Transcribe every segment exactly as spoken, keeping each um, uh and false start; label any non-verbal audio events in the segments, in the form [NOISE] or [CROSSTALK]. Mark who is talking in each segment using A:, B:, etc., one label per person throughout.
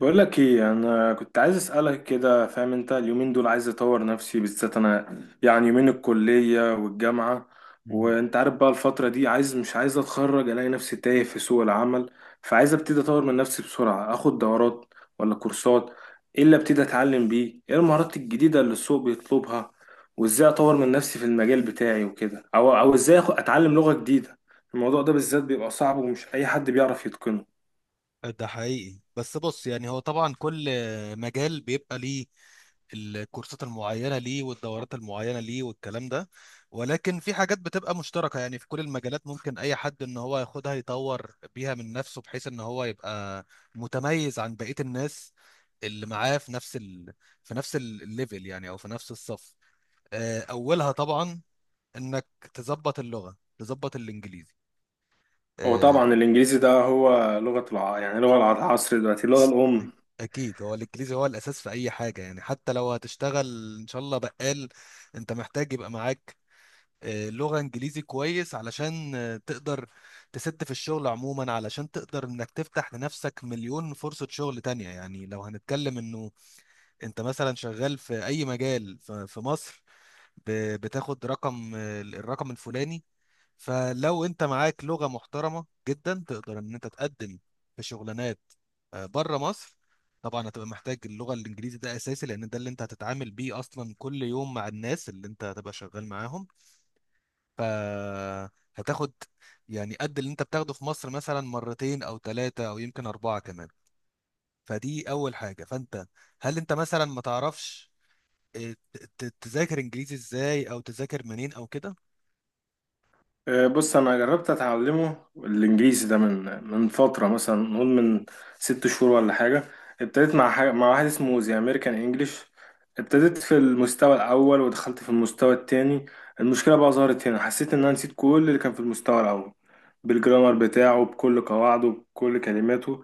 A: بقول لك ايه، انا كنت عايز اسالك كده. فاهم؟ انت اليومين دول عايز اطور نفسي، بالذات انا يعني يومين الكليه والجامعه.
B: مم.
A: وانت عارف بقى الفتره دي عايز، مش عايز اتخرج، الاقي نفسي تايه في سوق العمل. فعايز ابتدي اطور من نفسي بسرعه، اخد دورات ولا كورسات؟ ايه اللي ابتدي اتعلم بيه؟ ايه المهارات الجديده اللي السوق بيطلبها؟ وازاي اطور من نفسي في المجال بتاعي وكده؟ او او ازاي آخد- اتعلم لغه جديده؟ الموضوع ده بالذات بيبقى صعب، ومش اي حد بيعرف يتقنه.
B: ده حقيقي، بس بص، يعني هو طبعا كل مجال بيبقى ليه الكورسات المعينة ليه، والدورات المعينة ليه، والكلام ده. ولكن في حاجات بتبقى مشتركة يعني في كل المجالات، ممكن أي حد إن هو ياخدها يطور بيها من نفسه بحيث إن هو يبقى متميز عن بقية الناس اللي معاه في نفس ال... في نفس ال- الليفل يعني، أو في نفس الصف. آه، أولها طبعا إنك تظبط اللغة، تظبط الإنجليزي.
A: هو
B: آه،
A: طبعا الانجليزي ده هو لغة الع... يعني لغة العصر دلوقتي، اللغة الأم.
B: اكيد هو الانجليزي هو الاساس في اي حاجه، يعني حتى لو هتشتغل ان شاء الله بقال، انت محتاج يبقى معاك آه، لغه انجليزي كويس علشان آه، تقدر تسد في الشغل عموما، علشان تقدر انك تفتح لنفسك مليون فرصه شغل تانية. يعني لو هنتكلم انه انت مثلا شغال في اي مجال ف- في مصر، ب- بتاخد رقم، آه، الرقم الفلاني. فلو انت معاك لغة محترمة جدا تقدر ان انت تقدم في شغلانات آه، بره مصر. طبعا هتبقى محتاج اللغة الانجليزي، ده اساسي، لان ده اللي انت هتتعامل بيه اصلا كل يوم مع الناس اللي انت هتبقى شغال معاهم. فهتاخد يعني قد اللي انت بتاخده في مصر مثلا مرتين او ثلاثة او يمكن اربعة كمان. فدي اول حاجة. فانت هل انت مثلا ما تعرفش اه، ت- ت- تذاكر انجليزي ازاي، او تذاكر منين، او كده؟
A: آه، بص، أنا جربت أتعلمه الإنجليزي ده من من فترة، مثلا نقول من ست شهور ولا حاجة. ابتديت مع حاجة... مع واحد اسمه زي أمريكان إنجليش. ابتديت في المستوى الأول ودخلت في المستوى التاني. المشكلة بقى ظهرت هنا، حسيت إن أنا نسيت كل اللي كان في المستوى الأول، بالجرامر بتاعه، بكل قواعده، بكل كلماته.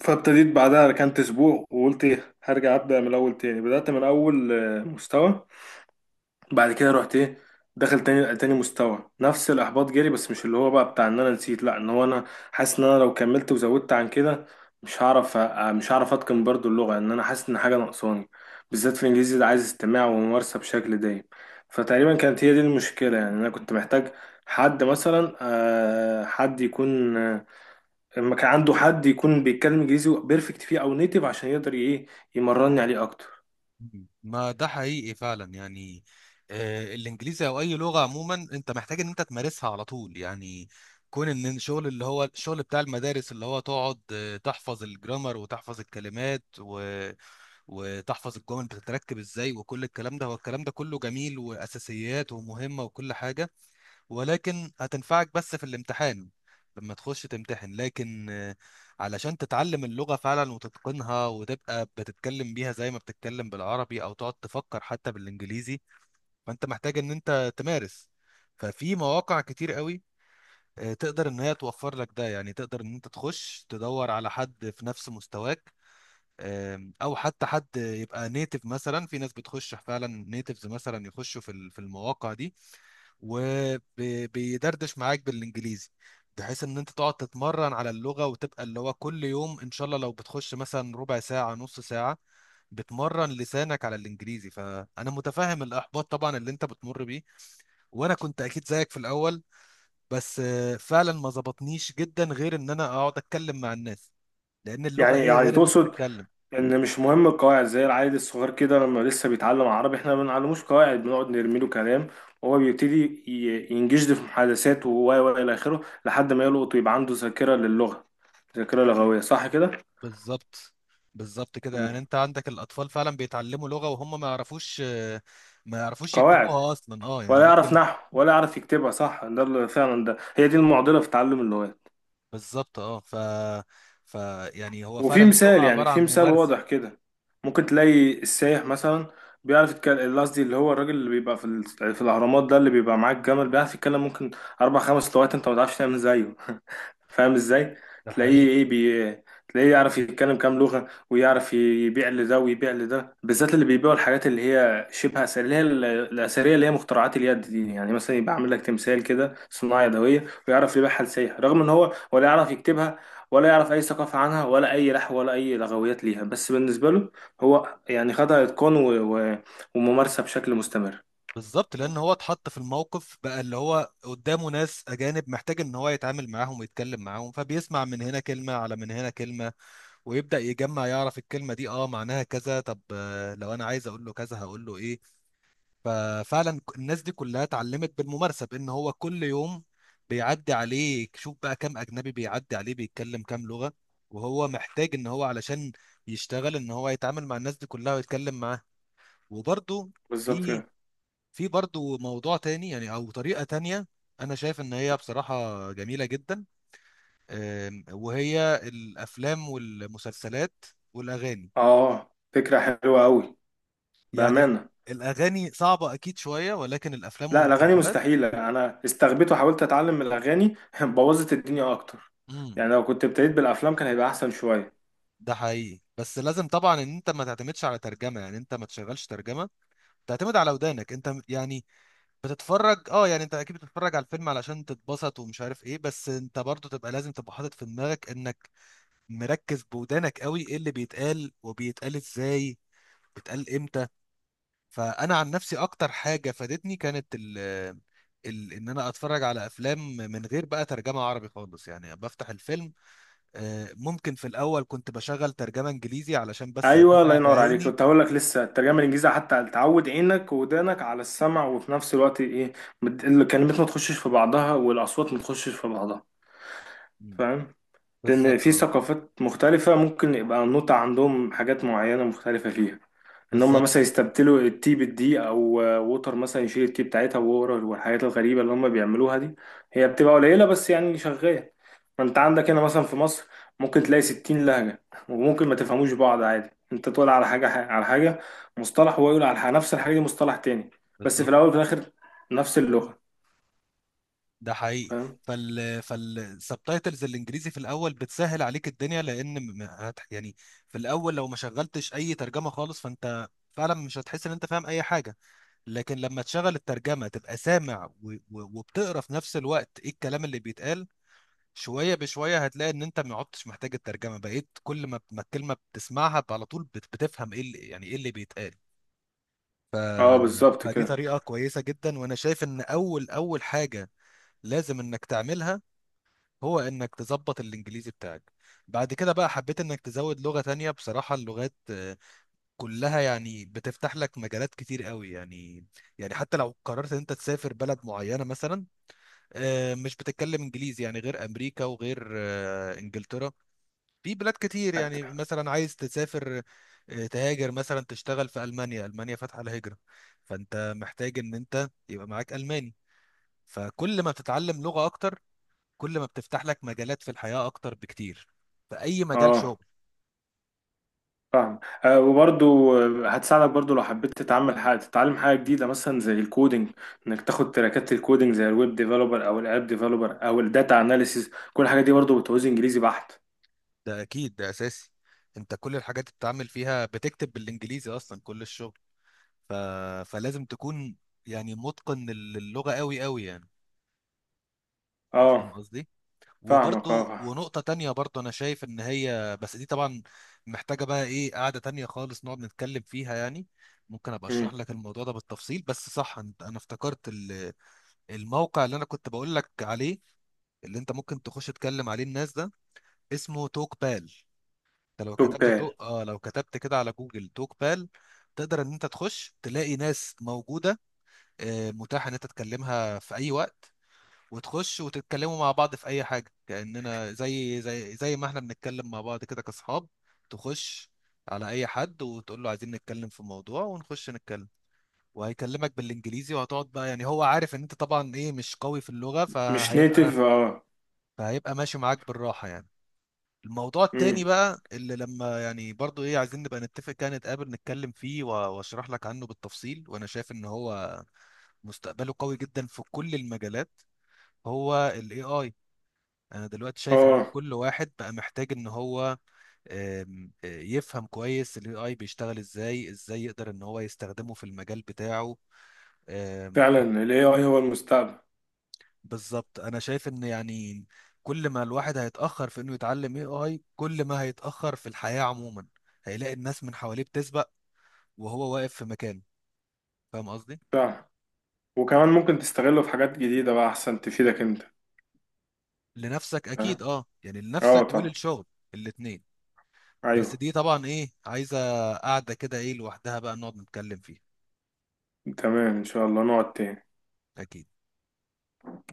A: فابتديت بعدها ركنت أسبوع، وقلت إيه، هرجع أبدأ من الأول تاني. بدأت من أول آه، مستوى. بعد كده رحت ايه، داخل تاني تاني مستوى، نفس الاحباط جالي، بس مش اللي هو بقى بتاع ان انا نسيت، لا، ان هو انا حاسس ان انا لو كملت وزودت عن كده مش هعرف أ- مش هعرف اتقن برضو اللغه. ان انا حاسس ان حاجه ناقصاني، بالذات في الانجليزي ده، عايز استماع وممارسه بشكل دايم. فتقريبا كانت هي دي المشكله، يعني انا كنت محتاج حد مثلا، آه، حد يكون آه، لما كان عنده حد يكون بيتكلم انجليزي بيرفكت فيه او نيتيف، عشان يقدر ايه يمرني عليه اكتر.
B: ما ده حقيقي فعلا، يعني آه، الانجليزي او اي لغه عموما انت محتاج ان انت تمارسها على طول. يعني كون ان الشغل، اللي هو الشغل بتاع المدارس، اللي هو تقعد آه، تحفظ الجرامر وتحفظ الكلمات و... وتحفظ الجمل بتتركب ازاي وكل الكلام ده، هو الكلام ده كله جميل واساسيات ومهمه وكل حاجه، ولكن هتنفعك بس في الامتحان لما تخش تمتحن. لكن آه، علشان تتعلم اللغة فعلا وتتقنها وتبقى بتتكلم بيها زي ما بتتكلم بالعربي، أو تقعد تفكر حتى بالإنجليزي، فأنت محتاج إن أنت تمارس. ففي مواقع كتير قوي آه، تقدر إن هي توفر لك ده، يعني تقدر إن أنت تخش تدور على حد في نفس مستواك، آم، او حتى حد يبقى نيتف. مثلا في ناس بتخش فعلا نيتفز مثلا يخشوا في ال- في المواقع دي وبيدردش معاك بالانجليزي، بحيث ان انت تقعد تتمرن على اللغة، وتبقى اللي هو كل يوم ان شاء الله لو بتخش مثلا ربع ساعة نص ساعة بتمرن لسانك على الانجليزي. فانا متفهم الاحباط طبعا اللي انت بتمر بيه، وانا كنت اكيد زيك في الاول. بس آه، فعلا ما ظبطنيش جدا غير ان انا اقعد اتكلم مع الناس، لان اللغة
A: يعني
B: ايه
A: يعني
B: غير ان انت
A: تقصد
B: تتكلم؟
A: ان مش مهم القواعد؟ زي العيل الصغير كده لما لسه بيتعلم عربي، احنا ما بنعلموش قواعد، بنقعد نرمي له كلام وهو بيبتدي ي- ينجشد في محادثات و و و الى اخره، لحد ما يلقط ويبقى عنده ذاكره للغه، ذاكره لغويه، صح كده؟
B: بالظبط. بالظبط كده،
A: مم.
B: يعني انت عندك الاطفال فعلا بيتعلموا لغة وهم ما يعرفوش آه، ما يعرفوش
A: قواعد
B: يكتبوها اصلا. اه يعني
A: ولا يعرف
B: ممكن.
A: نحو ولا يعرف يكتبها، صح؟ ده اللي فعلا ده هي دي المعضله في تعلم اللغات.
B: بالظبط اه. ف ف يعني هو فعلا
A: وفي
B: اللغه
A: مثال، يعني
B: عباره عن
A: في مثال
B: ممارسه.
A: واضح كده، ممكن تلاقي السايح مثلا بيعرف يتكلم، قصدي اللي هو الراجل اللي بيبقى في ال- في الاهرامات ده اللي بيبقى معاه الجمل، بيعرف يتكلم ممكن اربع خمس لغات، انت ما تعرفش تعمل زيه. [LAUGHS] فاهم ازاي؟
B: ده
A: تلاقيه
B: حقيقي.
A: ايه بي، تلاقيه يعرف يتكلم كام لغة، ويعرف يبيع لده ويبيع لده، بالذات اللي بيبيعوا الحاجات اللي هي شبه أثرية، اللي هي ال- الأثرية اللي هي مخترعات اليد دي. يعني مثلا يبقى عامل لك تمثال كده صناعة يدوية، ويعرف يبيعها لسايح، رغم إن هو ولا يعرف يكتبها، ولا يعرف اي ثقافه عنها، ولا اي لحو، ولا اي لغويات ليها، بس بالنسبه له هو يعني خدها اتقان و... و... وممارسه بشكل مستمر.
B: بالظبط، لان هو اتحط في الموقف بقى، اللي هو قدامه ناس اجانب محتاج ان هو يتعامل معاهم ويتكلم معاهم، فبيسمع من هنا كلمه، على من هنا كلمه، ويبدا يجمع، يعرف الكلمه دي اه معناها كذا، طب آه، لو انا عايز اقول له كذا هقول له ايه. ففعلا الناس دي كلها اتعلمت بالممارسه، بان هو كل يوم بيعدي عليه، شوف بقى كام اجنبي بيعدي عليه بيتكلم كام لغه، وهو محتاج ان هو علشان يشتغل ان هو يتعامل مع الناس دي كلها ويتكلم معاها. وبرده
A: بالظبط
B: في
A: كده.
B: في برضه موضوع تاني، يعني او طريقه تانيه انا شايف ان هي بصراحه جميله جدا، أم، وهي الافلام والمسلسلات والاغاني.
A: اه، فكره حلوه قوي،
B: يعني ال-
A: بامانه.
B: الاغاني صعبه اكيد شويه، ولكن الافلام
A: لا، الاغاني
B: والمسلسلات،
A: مستحيله، انا استغبيت وحاولت اتعلم من الاغاني [LAUGHS] بوظت الدنيا اكتر. يعني لو كنت ابتديت بالافلام كان هيبقى احسن شويه.
B: ده حقيقي. بس لازم طبعا ان انت ما تعتمدش على ترجمه، يعني انت ما تشغلش ترجمه، تعتمد على ودانك انت. م- يعني بتتفرج، اه يعني انت اكيد بتتفرج على الفيلم علشان تتبسط ومش عارف ايه، بس انت برضو تبقى لازم تبقى حاطط في دماغك انك مركز بودانك قوي ايه اللي بيتقال، وبيتقال ازاي، بيتقال امتى. فانا عن نفسي اكتر حاجه فادتني كانت ال ال ان انا اتفرج على افلام من غير بقى ترجمه عربي خالص، يعني بفتح الفيلم. آه، ممكن في الاول كنت بشغل ترجمه انجليزي علشان بس
A: ايوه، الله
B: اتابع
A: ينور عليك،
B: بعيني.
A: كنت هقول لك لسه الترجمه الانجليزيه، حتى تعود عينك وودانك على السمع، وفي نفس الوقت ايه مت- الكلمات ما تخشش في بعضها، والاصوات ما تخشش في بعضها.
B: مم.
A: فاهم؟ لأن
B: بالظبط
A: في
B: اه.
A: ثقافات مختلفة، ممكن يبقى النوتة عندهم حاجات معينة مختلفة فيها. إن هم مثلا
B: بالظبط
A: يستبدلوا التي بالدي، أو آه، ووتر مثلا يشيل التي بتاعتها وورا، والحاجات الغريبة اللي هم بيعملوها دي هي بتبقى قليلة، بس يعني شغالة. ما أنت عندك هنا مثلا في مصر ممكن تلاقي ستين لهجة، وممكن ما تفهموش بعض عادي، أنت تقول على حاجة، على حاجة، مصطلح، وهو يقول على ح- نفس الحاجة دي مصطلح تاني. بس في
B: بالظبط
A: الأول وفي الآخر نفس اللغة.
B: ده حقيقي.
A: فاهم؟
B: فال فالسبتايتلز الانجليزي في الاول بتسهل عليك الدنيا، لان م- م- هت- يعني في الاول لو ما شغلتش اي ترجمه خالص، فانت فعلا مش هتحس ان انت فاهم اي حاجه، لكن لما تشغل الترجمه تبقى سامع و... و... وبتقرا في نفس الوقت ايه الكلام اللي بيتقال. شويه بشويه هتلاقي ان انت ما عدتش محتاج الترجمه، بقيت كل ما ما الكلمه بتسمعها على طول بت- بتفهم ايه اللي، يعني ايه اللي بيتقال. ف...
A: اه، بالظبط
B: فدي
A: كده.
B: طريقه كويسه جدا. وانا شايف ان اول اول حاجه لازم انك تعملها هو انك تظبط الانجليزي بتاعك. بعد كده بقى حبيت انك تزود لغه تانية. بصراحه اللغات آه، كلها يعني بتفتح لك مجالات كتير قوي، يعني يعني حتى لو قررت ان انت تسافر بلد معينه مثلا آه، مش بتتكلم انجليزي، يعني غير امريكا وغير آه، انجلترا في بلاد كتير. يعني
A: أت-
B: مثلا عايز تسافر آه، تهاجر مثلا، تشتغل في ألمانيا. ألمانيا فاتحة الهجرة، فأنت محتاج إن أنت يبقى معاك ألماني. فكل ما بتتعلم لغة أكتر، كل ما بتفتح لك مجالات في الحياة أكتر بكتير، في أي مجال
A: اه،
B: شغل.
A: فاهم. آه، وبرضو آه، هتساعدك برضو لو حبيت تتعمل حاجة، تتعلم حاجة جديدة مثلا زي الكودينج. انك تاخد تراكات الكودينج زي الويب ديفلوبر او الاب ديفلوبر او الداتا اناليسيز، كل الحاجات دي برضو بتعوز انجليزي بحت.
B: ده أكيد، ده أساسي. أنت كل الحاجات اللي بتتعامل فيها بتكتب بالإنجليزي أصلا، كل الشغل. ف... فلازم تكون يعني متقن للغة قوي قوي، يعني فاهم
A: اه،
B: قصدي؟
A: فاهمك. اه
B: وبرضو
A: فاهم.
B: ونقطة تانية برضو أنا شايف إن هي، بس دي طبعا محتاجة بقى إيه، قعدة تانية خالص نقعد نتكلم فيها يعني. ممكن أبقى
A: مم.
B: أشرح لك الموضوع ده بالتفصيل. بس صح، أنت- أنا افتكرت ال- الموقع اللي أنا كنت بقول لك عليه، اللي أنت ممكن تخش تكلم عليه الناس. ده اسمه توك بال. أنت لو كتبت
A: تبال.
B: توك، آه لو كتبت كده على جوجل توك بال، تقدر إن أنت تخش تلاقي ناس موجودة آه، متاحة إن أنت تكلمها في أي وقت، وتخش وتتكلموا مع بعض في اي حاجه، كاننا زي زي زي ما احنا بنتكلم مع بعض كده كاصحاب. تخش على اي حد وتقول له عايزين نتكلم في موضوع، ونخش نتكلم وهيكلمك بالانجليزي، وهتقعد بقى. يعني هو عارف ان انت طبعا ايه مش قوي في اللغه،
A: مش
B: فهيبقى
A: نيتف، اه.
B: فهيبقى ماشي معاك بالراحه. يعني الموضوع التاني
A: مم.
B: بقى اللي لما يعني برضو ايه، عايزين نبقى نتفق كده نتقابل نتكلم فيه و- واشرح لك عنه بالتفصيل، وانا شايف ان هو مستقبله قوي جدا في كل المجالات. هو ال إيه آي. انا دلوقتي شايف ان
A: اه،
B: كل واحد بقى محتاج ان هو آم، آه، يفهم كويس الاي اي بيشتغل ازاي، ازاي يقدر ان هو يستخدمه في المجال بتاعه. آم،
A: فعلا ال إيه آي هو المستقبل.
B: بالظبط. انا شايف ان يعني كل ما الواحد هيتاخر في انه يتعلم اي اي، كل ما هيتاخر في الحياه عموما، هيلاقي الناس من حواليه بتسبق وهو واقف في مكانه، فاهم قصدي؟
A: فعلا، وكمان ممكن تستغله في حاجات جديدة بقى احسن، تفيدك انت.
B: لنفسك
A: فاهم؟
B: اكيد اه، يعني
A: اه
B: لنفسك
A: طبعا.
B: وللشغل، الاتنين. بس
A: ايوه.
B: دي طبعا ايه عايزه قاعده كده ايه لوحدها بقى نقعد نتكلم فيها.
A: تمام، ان شاء الله نقعد تاني.
B: اكيد.